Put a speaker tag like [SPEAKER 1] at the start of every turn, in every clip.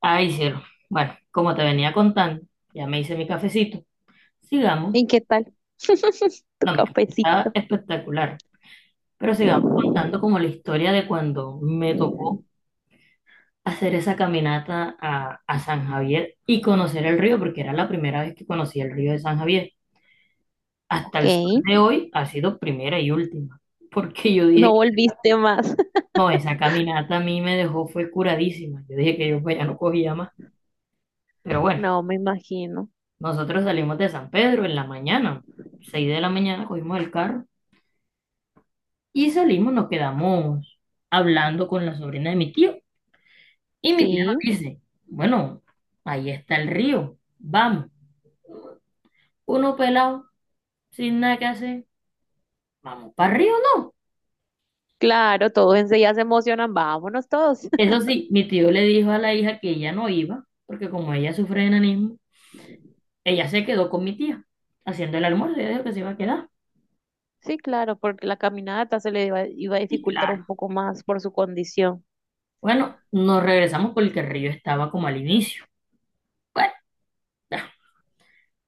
[SPEAKER 1] Ay, cielo. Bueno, como te venía contando, ya me hice mi cafecito. Sigamos.
[SPEAKER 2] ¿Y qué tal? Tu
[SPEAKER 1] No, mi café está
[SPEAKER 2] cafecito.
[SPEAKER 1] espectacular. Pero sigamos contando como la historia de cuando me tocó hacer esa caminata a San Javier y conocer el río, porque era la primera vez que conocí el río de San Javier. Hasta
[SPEAKER 2] Ok.
[SPEAKER 1] el sol de hoy ha sido primera y última, porque yo dije
[SPEAKER 2] No
[SPEAKER 1] que
[SPEAKER 2] volviste más.
[SPEAKER 1] no, esa caminata a mí me dejó, fue curadísima. Yo dije que yo pues, ya no cogía más, pero bueno.
[SPEAKER 2] No, me imagino.
[SPEAKER 1] Nosotros salimos de San Pedro en la mañana, 6 de la mañana, cogimos el carro y salimos, nos quedamos hablando con la sobrina de mi tío. Y mi tío nos
[SPEAKER 2] Sí,
[SPEAKER 1] dice, bueno, ahí está el río, vamos. Uno pelado, sin nada que hacer, vamos para el río, ¿no?
[SPEAKER 2] claro, todos enseguida se emocionan. Vámonos todos.
[SPEAKER 1] Eso sí, mi tío le dijo a la hija que ella no iba, porque como ella sufre de enanismo, ella se quedó con mi tía, haciendo el almuerzo, ella dijo que se iba a quedar.
[SPEAKER 2] Sí, claro, porque la caminata se le iba a
[SPEAKER 1] Y
[SPEAKER 2] dificultar
[SPEAKER 1] claro,
[SPEAKER 2] un poco más por su condición.
[SPEAKER 1] bueno, nos regresamos porque el río estaba como al inicio. Bueno,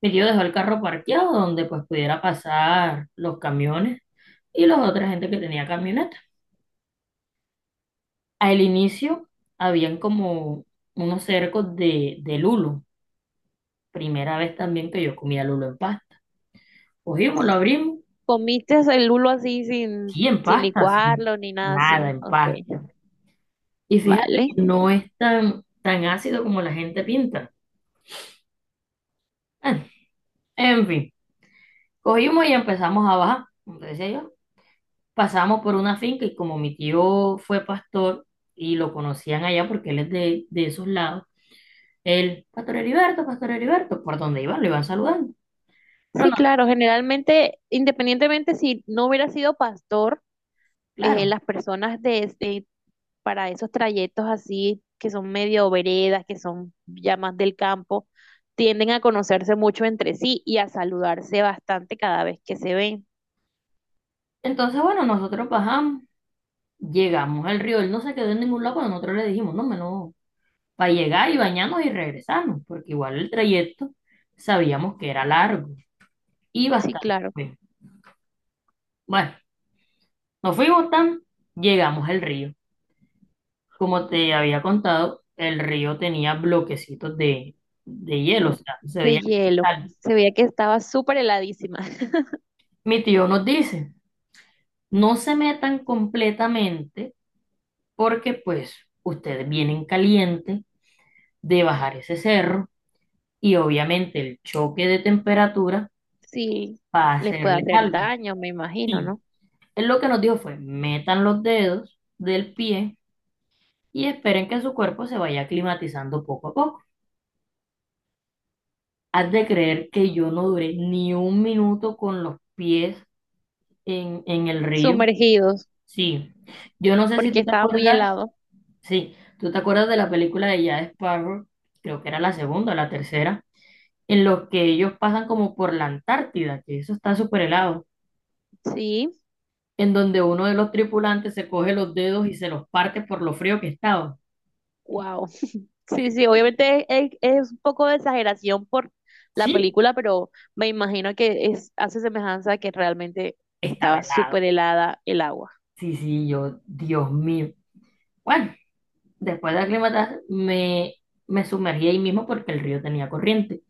[SPEAKER 1] mi tío dejó el carro parqueado donde pues pudiera pasar los camiones y la otra gente que tenía camioneta. Al inicio habían como unos cercos de lulo. Primera vez también que yo comía lulo en pasta. Cogimos, lo abrimos,
[SPEAKER 2] ¿Comiste el lulo así
[SPEAKER 1] sí, en
[SPEAKER 2] sin
[SPEAKER 1] pasta, sí,
[SPEAKER 2] licuarlo ni nada
[SPEAKER 1] nada
[SPEAKER 2] así?
[SPEAKER 1] en
[SPEAKER 2] Ok,
[SPEAKER 1] pasta. Y fíjate que
[SPEAKER 2] vale.
[SPEAKER 1] no es tan, tan ácido como la gente pinta. Ah, en fin, cogimos y empezamos a bajar. Entonces yo, pasamos por una finca y como mi tío fue pastor y lo conocían allá porque él es de esos lados, él, Pastor Heriberto, Pastor Heriberto, por donde iban, lo iban saludando. Pero
[SPEAKER 2] Sí,
[SPEAKER 1] no,
[SPEAKER 2] claro,
[SPEAKER 1] sí,
[SPEAKER 2] generalmente, independientemente si no hubiera sido pastor.
[SPEAKER 1] claro.
[SPEAKER 2] Las personas para esos trayectos así, que son medio veredas, que son ya más del campo, tienden a conocerse mucho entre sí y a saludarse bastante cada vez que se ven.
[SPEAKER 1] Entonces, bueno, nosotros bajamos, llegamos al río, él no se quedó en ningún lado, pero nosotros le dijimos, no, no, para llegar y bañarnos y regresarnos, porque igual el trayecto sabíamos que era largo y
[SPEAKER 2] Sí,
[SPEAKER 1] bastante.
[SPEAKER 2] claro,
[SPEAKER 1] Bueno, nos fuimos tan, llegamos al río. Como te había contado, el río tenía bloquecitos de hielo, o sea, se
[SPEAKER 2] de
[SPEAKER 1] veía el
[SPEAKER 2] hielo.
[SPEAKER 1] cristal.
[SPEAKER 2] Se veía que estaba súper heladísima.
[SPEAKER 1] Mi tío nos dice, no se metan completamente porque pues ustedes vienen calientes de bajar ese cerro y obviamente el choque de temperatura
[SPEAKER 2] Sí,
[SPEAKER 1] va a
[SPEAKER 2] les puede
[SPEAKER 1] hacerles
[SPEAKER 2] hacer
[SPEAKER 1] algo.
[SPEAKER 2] daño, me imagino,
[SPEAKER 1] Sí,
[SPEAKER 2] ¿no?
[SPEAKER 1] él lo que nos dijo fue, metan los dedos del pie y esperen que su cuerpo se vaya climatizando poco a poco. Has de creer que yo no duré ni un minuto con los pies en el río,
[SPEAKER 2] Sumergidos,
[SPEAKER 1] sí. Yo no sé si
[SPEAKER 2] porque
[SPEAKER 1] tú te
[SPEAKER 2] estaba muy
[SPEAKER 1] acuerdas,
[SPEAKER 2] helado.
[SPEAKER 1] sí, tú te acuerdas de la película de Jack Sparrow, creo que era la segunda o la tercera, en los que ellos pasan como por la Antártida, que eso está súper helado,
[SPEAKER 2] Sí,
[SPEAKER 1] en donde uno de los tripulantes se coge los dedos y se los parte por lo frío que estaba.
[SPEAKER 2] wow. Sí, sí, obviamente es un poco de exageración por la
[SPEAKER 1] Sí,
[SPEAKER 2] película, pero me imagino que es, hace semejanza a que realmente
[SPEAKER 1] estaba
[SPEAKER 2] estaba
[SPEAKER 1] helado.
[SPEAKER 2] súper helada el agua.
[SPEAKER 1] Sí, sí, yo, Dios mío. Bueno, después de aclimatar, me sumergí ahí mismo porque el río tenía corriente.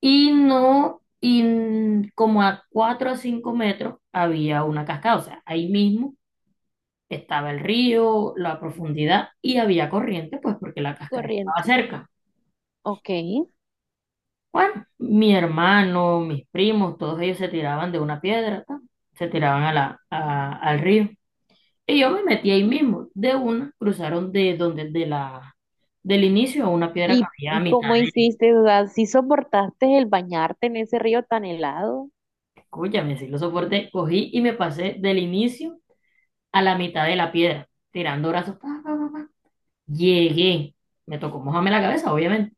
[SPEAKER 1] Y no, como a 4 o 5 metros había una cascada, o sea, ahí mismo estaba el río, la profundidad y había corriente, pues porque la cascada estaba
[SPEAKER 2] Corriente.
[SPEAKER 1] cerca.
[SPEAKER 2] Ok.
[SPEAKER 1] Bueno, mi hermano, mis primos, todos ellos se tiraban de una piedra, ta, se tiraban a la, al río. Y yo me metí ahí mismo, de una, cruzaron de donde, de la, del inicio a una piedra que
[SPEAKER 2] ¿Y,
[SPEAKER 1] había a
[SPEAKER 2] y
[SPEAKER 1] mitad.
[SPEAKER 2] cómo hiciste? O sea, ¿sí soportaste el bañarte en ese río tan helado
[SPEAKER 1] Escúchame, sí lo soporté, cogí y me pasé del inicio a la mitad de la piedra, tirando brazos. Pa, pa, pa, pa. Llegué, me tocó mojarme la cabeza, obviamente.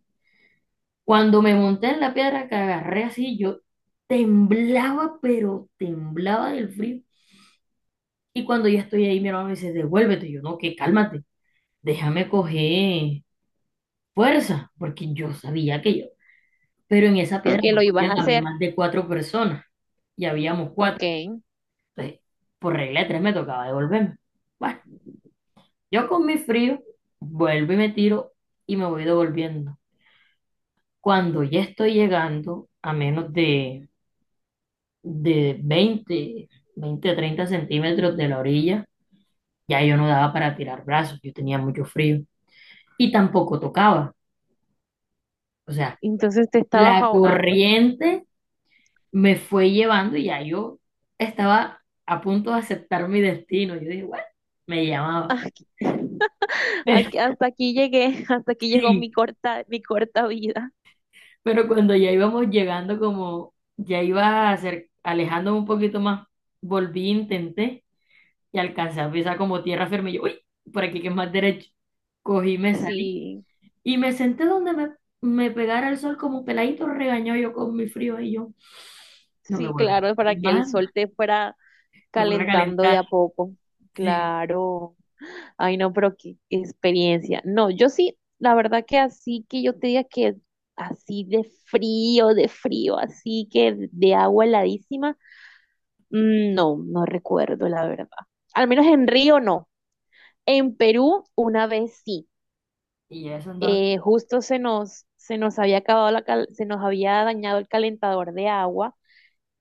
[SPEAKER 1] Cuando me monté en la piedra que agarré así, yo temblaba, pero temblaba del frío. Y cuando ya estoy ahí, mi hermano me dice, devuélvete. Y yo, no, que cálmate, déjame coger fuerza, porque yo sabía que yo. Pero en esa piedra
[SPEAKER 2] que
[SPEAKER 1] no
[SPEAKER 2] lo ibas a
[SPEAKER 1] podían haber
[SPEAKER 2] hacer?
[SPEAKER 1] más de cuatro personas, y habíamos cuatro.
[SPEAKER 2] Ok.
[SPEAKER 1] Entonces, por regla de tres me tocaba devolverme. Bueno, yo con mi frío vuelvo y me tiro y me voy devolviendo. Cuando ya estoy llegando a menos de 20 20 30 centímetros de la orilla, ya yo no daba para tirar brazos, yo tenía mucho frío y tampoco tocaba. O sea,
[SPEAKER 2] Entonces te estabas
[SPEAKER 1] la
[SPEAKER 2] ahogando.
[SPEAKER 1] corriente me fue llevando y ya yo estaba a punto de aceptar mi destino. Yo dije, bueno, me llamaba.
[SPEAKER 2] Aquí, hasta aquí llegué, hasta aquí llegó
[SPEAKER 1] Sí,
[SPEAKER 2] mi corta vida.
[SPEAKER 1] pero cuando ya íbamos llegando, como ya iba alejándome un poquito más, volví, intenté y alcancé a pisar como tierra firme. Yo, uy, por aquí que es más derecho. Cogí, me salí
[SPEAKER 2] Sí,
[SPEAKER 1] y me senté donde me pegara el sol como peladito regañó yo con mi frío y yo, no me
[SPEAKER 2] sí,
[SPEAKER 1] vuelvo a
[SPEAKER 2] claro, para
[SPEAKER 1] meter
[SPEAKER 2] que el
[SPEAKER 1] más,
[SPEAKER 2] sol te fuera
[SPEAKER 1] me fuera a
[SPEAKER 2] calentando de
[SPEAKER 1] calentar,
[SPEAKER 2] a poco.
[SPEAKER 1] sí.
[SPEAKER 2] Claro. Ay, no, pero qué experiencia. No, yo sí, la verdad que así que yo te diga que así de de frío, así que de agua heladísima, mm, no recuerdo, la verdad. Al menos en Río no. En Perú, una vez sí.
[SPEAKER 1] Y eso entonces,
[SPEAKER 2] Justo se nos había acabado la se nos había dañado el calentador de agua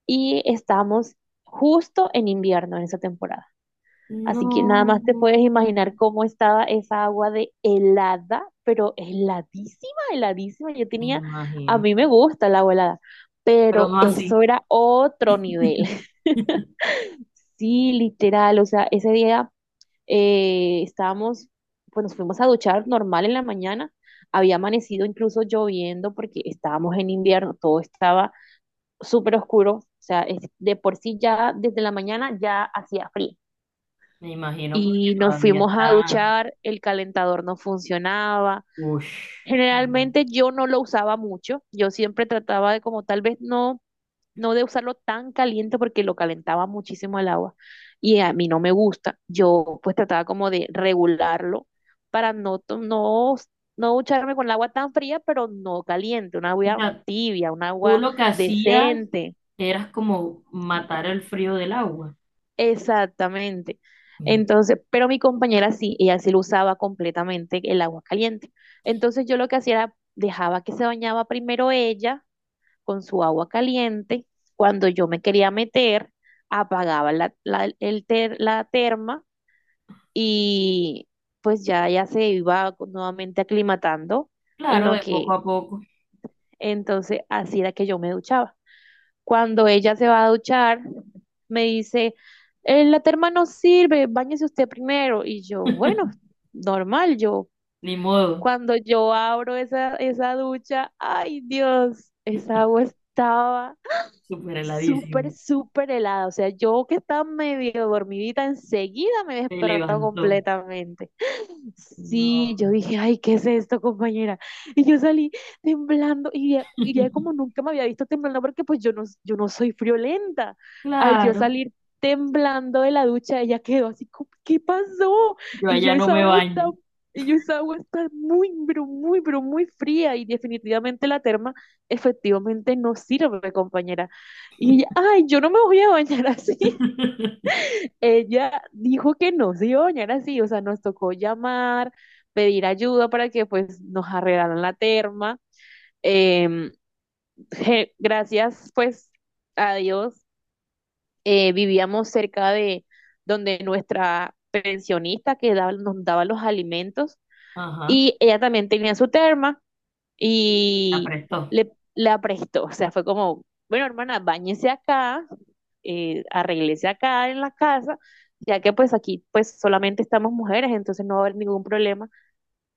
[SPEAKER 2] y estamos justo en invierno en esa temporada. Así que nada más te
[SPEAKER 1] no,
[SPEAKER 2] puedes imaginar cómo estaba esa agua de helada, pero heladísima, heladísima. Yo
[SPEAKER 1] me
[SPEAKER 2] tenía, a
[SPEAKER 1] imagino,
[SPEAKER 2] mí me gusta el agua helada,
[SPEAKER 1] pero
[SPEAKER 2] pero
[SPEAKER 1] no
[SPEAKER 2] eso
[SPEAKER 1] así.
[SPEAKER 2] era otro nivel. Sí, literal, o sea, ese día estábamos, pues nos fuimos a duchar normal en la mañana. Había amanecido incluso lloviendo porque estábamos en invierno, todo estaba súper oscuro. O sea, de por sí ya desde la mañana ya hacía frío.
[SPEAKER 1] Me imagino porque
[SPEAKER 2] Y nos
[SPEAKER 1] todavía
[SPEAKER 2] fuimos a
[SPEAKER 1] está.
[SPEAKER 2] duchar, el calentador no funcionaba.
[SPEAKER 1] Uff.
[SPEAKER 2] Generalmente yo no lo usaba mucho, yo siempre trataba de como tal vez no de usarlo tan caliente porque lo calentaba muchísimo el agua y a mí no me gusta. Yo pues trataba como de regularlo para no ducharme con el agua tan fría, pero no caliente, una agua tibia, un
[SPEAKER 1] Tú
[SPEAKER 2] agua
[SPEAKER 1] lo que hacías
[SPEAKER 2] decente.
[SPEAKER 1] era como matar el frío del agua.
[SPEAKER 2] Exactamente.
[SPEAKER 1] Mm.
[SPEAKER 2] Entonces, pero mi compañera sí, ella sí lo usaba completamente el agua caliente. Entonces yo lo que hacía era dejaba que se bañaba primero ella con su agua caliente. Cuando yo me quería meter, apagaba la terma y pues ya, ya se iba nuevamente aclimatando en
[SPEAKER 1] Claro,
[SPEAKER 2] lo
[SPEAKER 1] de poco
[SPEAKER 2] que
[SPEAKER 1] a poco.
[SPEAKER 2] entonces así era que yo me duchaba. Cuando ella se va a duchar, me dice, la terma no sirve, báñese usted primero". Y yo, bueno, normal, yo.
[SPEAKER 1] Ni modo,
[SPEAKER 2] Cuando yo abro esa ducha, ay Dios, esa agua estaba
[SPEAKER 1] súper heladísimo.
[SPEAKER 2] súper helada. O sea, yo que estaba medio dormidita, enseguida me
[SPEAKER 1] Se
[SPEAKER 2] despertó
[SPEAKER 1] levantó.
[SPEAKER 2] completamente. Sí, yo
[SPEAKER 1] No.
[SPEAKER 2] dije, ay, ¿qué es esto, compañera? Y yo salí temblando, y ya como nunca me había visto temblando, porque pues yo no soy friolenta. Al yo
[SPEAKER 1] Claro,
[SPEAKER 2] salir temblando de la ducha, ella quedó así, como, ¿qué pasó?
[SPEAKER 1] yo
[SPEAKER 2] Y yo,
[SPEAKER 1] allá no
[SPEAKER 2] esa
[SPEAKER 1] me
[SPEAKER 2] agua está,
[SPEAKER 1] baño.
[SPEAKER 2] y yo, esa agua está muy, pero muy, pero muy fría, y definitivamente la terma efectivamente no sirve, compañera. Y ella, ay, yo no me voy a bañar así. Ella dijo que no se iba a bañar así, o sea, nos tocó llamar, pedir ayuda para que pues nos arreglaran la terma. Em, gracias pues a Dios, vivíamos cerca de donde nuestra pensionista que nos daba los alimentos
[SPEAKER 1] Ajá,
[SPEAKER 2] y ella también tenía su terma.
[SPEAKER 1] se
[SPEAKER 2] Y
[SPEAKER 1] aprestó.
[SPEAKER 2] la prestó, o sea, fue como, bueno, hermana, báñese acá, arréglese acá en la casa, ya que pues aquí pues solamente estamos mujeres, entonces no va a haber ningún problema.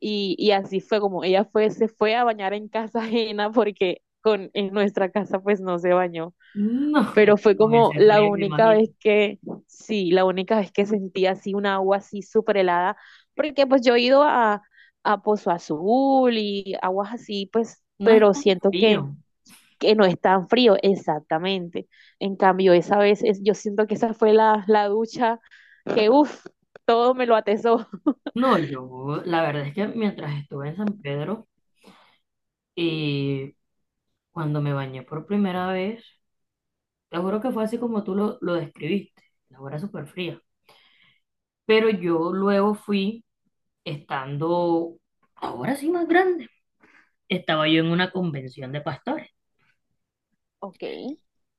[SPEAKER 2] Y así fue como se fue a bañar en casa ajena porque en nuestra casa pues no se bañó,
[SPEAKER 1] No,
[SPEAKER 2] pero
[SPEAKER 1] es que
[SPEAKER 2] fue
[SPEAKER 1] con
[SPEAKER 2] como
[SPEAKER 1] ese
[SPEAKER 2] la
[SPEAKER 1] frío me
[SPEAKER 2] única
[SPEAKER 1] imagino.
[SPEAKER 2] vez que, sí, la única vez que sentí así un agua así súper helada, porque pues yo he ido a Pozo Azul y aguas así, pues,
[SPEAKER 1] No es
[SPEAKER 2] pero
[SPEAKER 1] tan
[SPEAKER 2] siento
[SPEAKER 1] frío.
[SPEAKER 2] que no es tan frío, exactamente. En cambio, esa vez, es, yo siento que esa fue la ducha que, uff, todo me lo atesó.
[SPEAKER 1] No, yo, la verdad es que mientras estuve en San Pedro y cuando me bañé por primera vez, te juro que fue así como tú lo describiste. La hora súper fría. Pero yo luego fui, estando ahora sí más grande, estaba yo en una convención de pastores
[SPEAKER 2] Ok,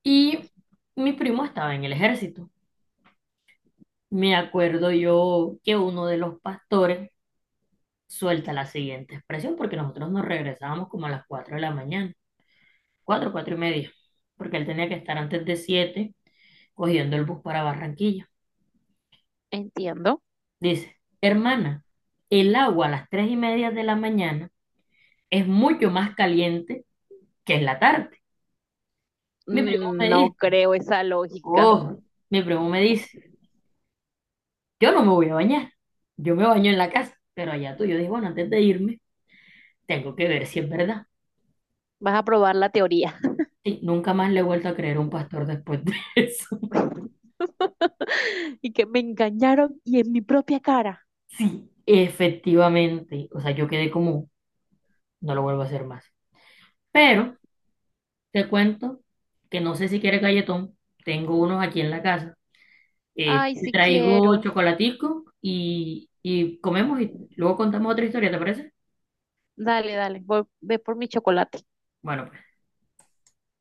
[SPEAKER 1] y mi primo estaba en el ejército. Me acuerdo yo que uno de los pastores suelta la siguiente expresión porque nosotros nos regresábamos como a las 4 de la mañana, 4 4 y media, porque él tenía que estar antes de 7 cogiendo el bus para Barranquilla.
[SPEAKER 2] entiendo.
[SPEAKER 1] Dice, hermana, el agua a las 3:30 de la mañana es mucho más caliente que en la tarde. Mi primo
[SPEAKER 2] Mm,
[SPEAKER 1] me
[SPEAKER 2] no
[SPEAKER 1] dice,
[SPEAKER 2] creo esa lógica.
[SPEAKER 1] oh, mi primo me dice, yo no me voy a bañar, yo me baño en la casa, pero allá tú, yo dije, bueno, antes de irme, tengo que ver si es verdad.
[SPEAKER 2] Vas a probar la teoría.
[SPEAKER 1] Sí, nunca más le he vuelto a creer a un pastor después de eso.
[SPEAKER 2] Y que me engañaron y en mi propia cara.
[SPEAKER 1] Sí, efectivamente, o sea, yo quedé como, no lo vuelvo a hacer más. Pero te cuento que no sé si quiere galletón, tengo unos aquí en la casa,
[SPEAKER 2] Ay,
[SPEAKER 1] te
[SPEAKER 2] sí
[SPEAKER 1] traigo
[SPEAKER 2] quiero.
[SPEAKER 1] chocolatico y comemos y luego contamos otra historia, ¿te parece?
[SPEAKER 2] Dale, dale. Voy, ve por mi chocolate.
[SPEAKER 1] Bueno,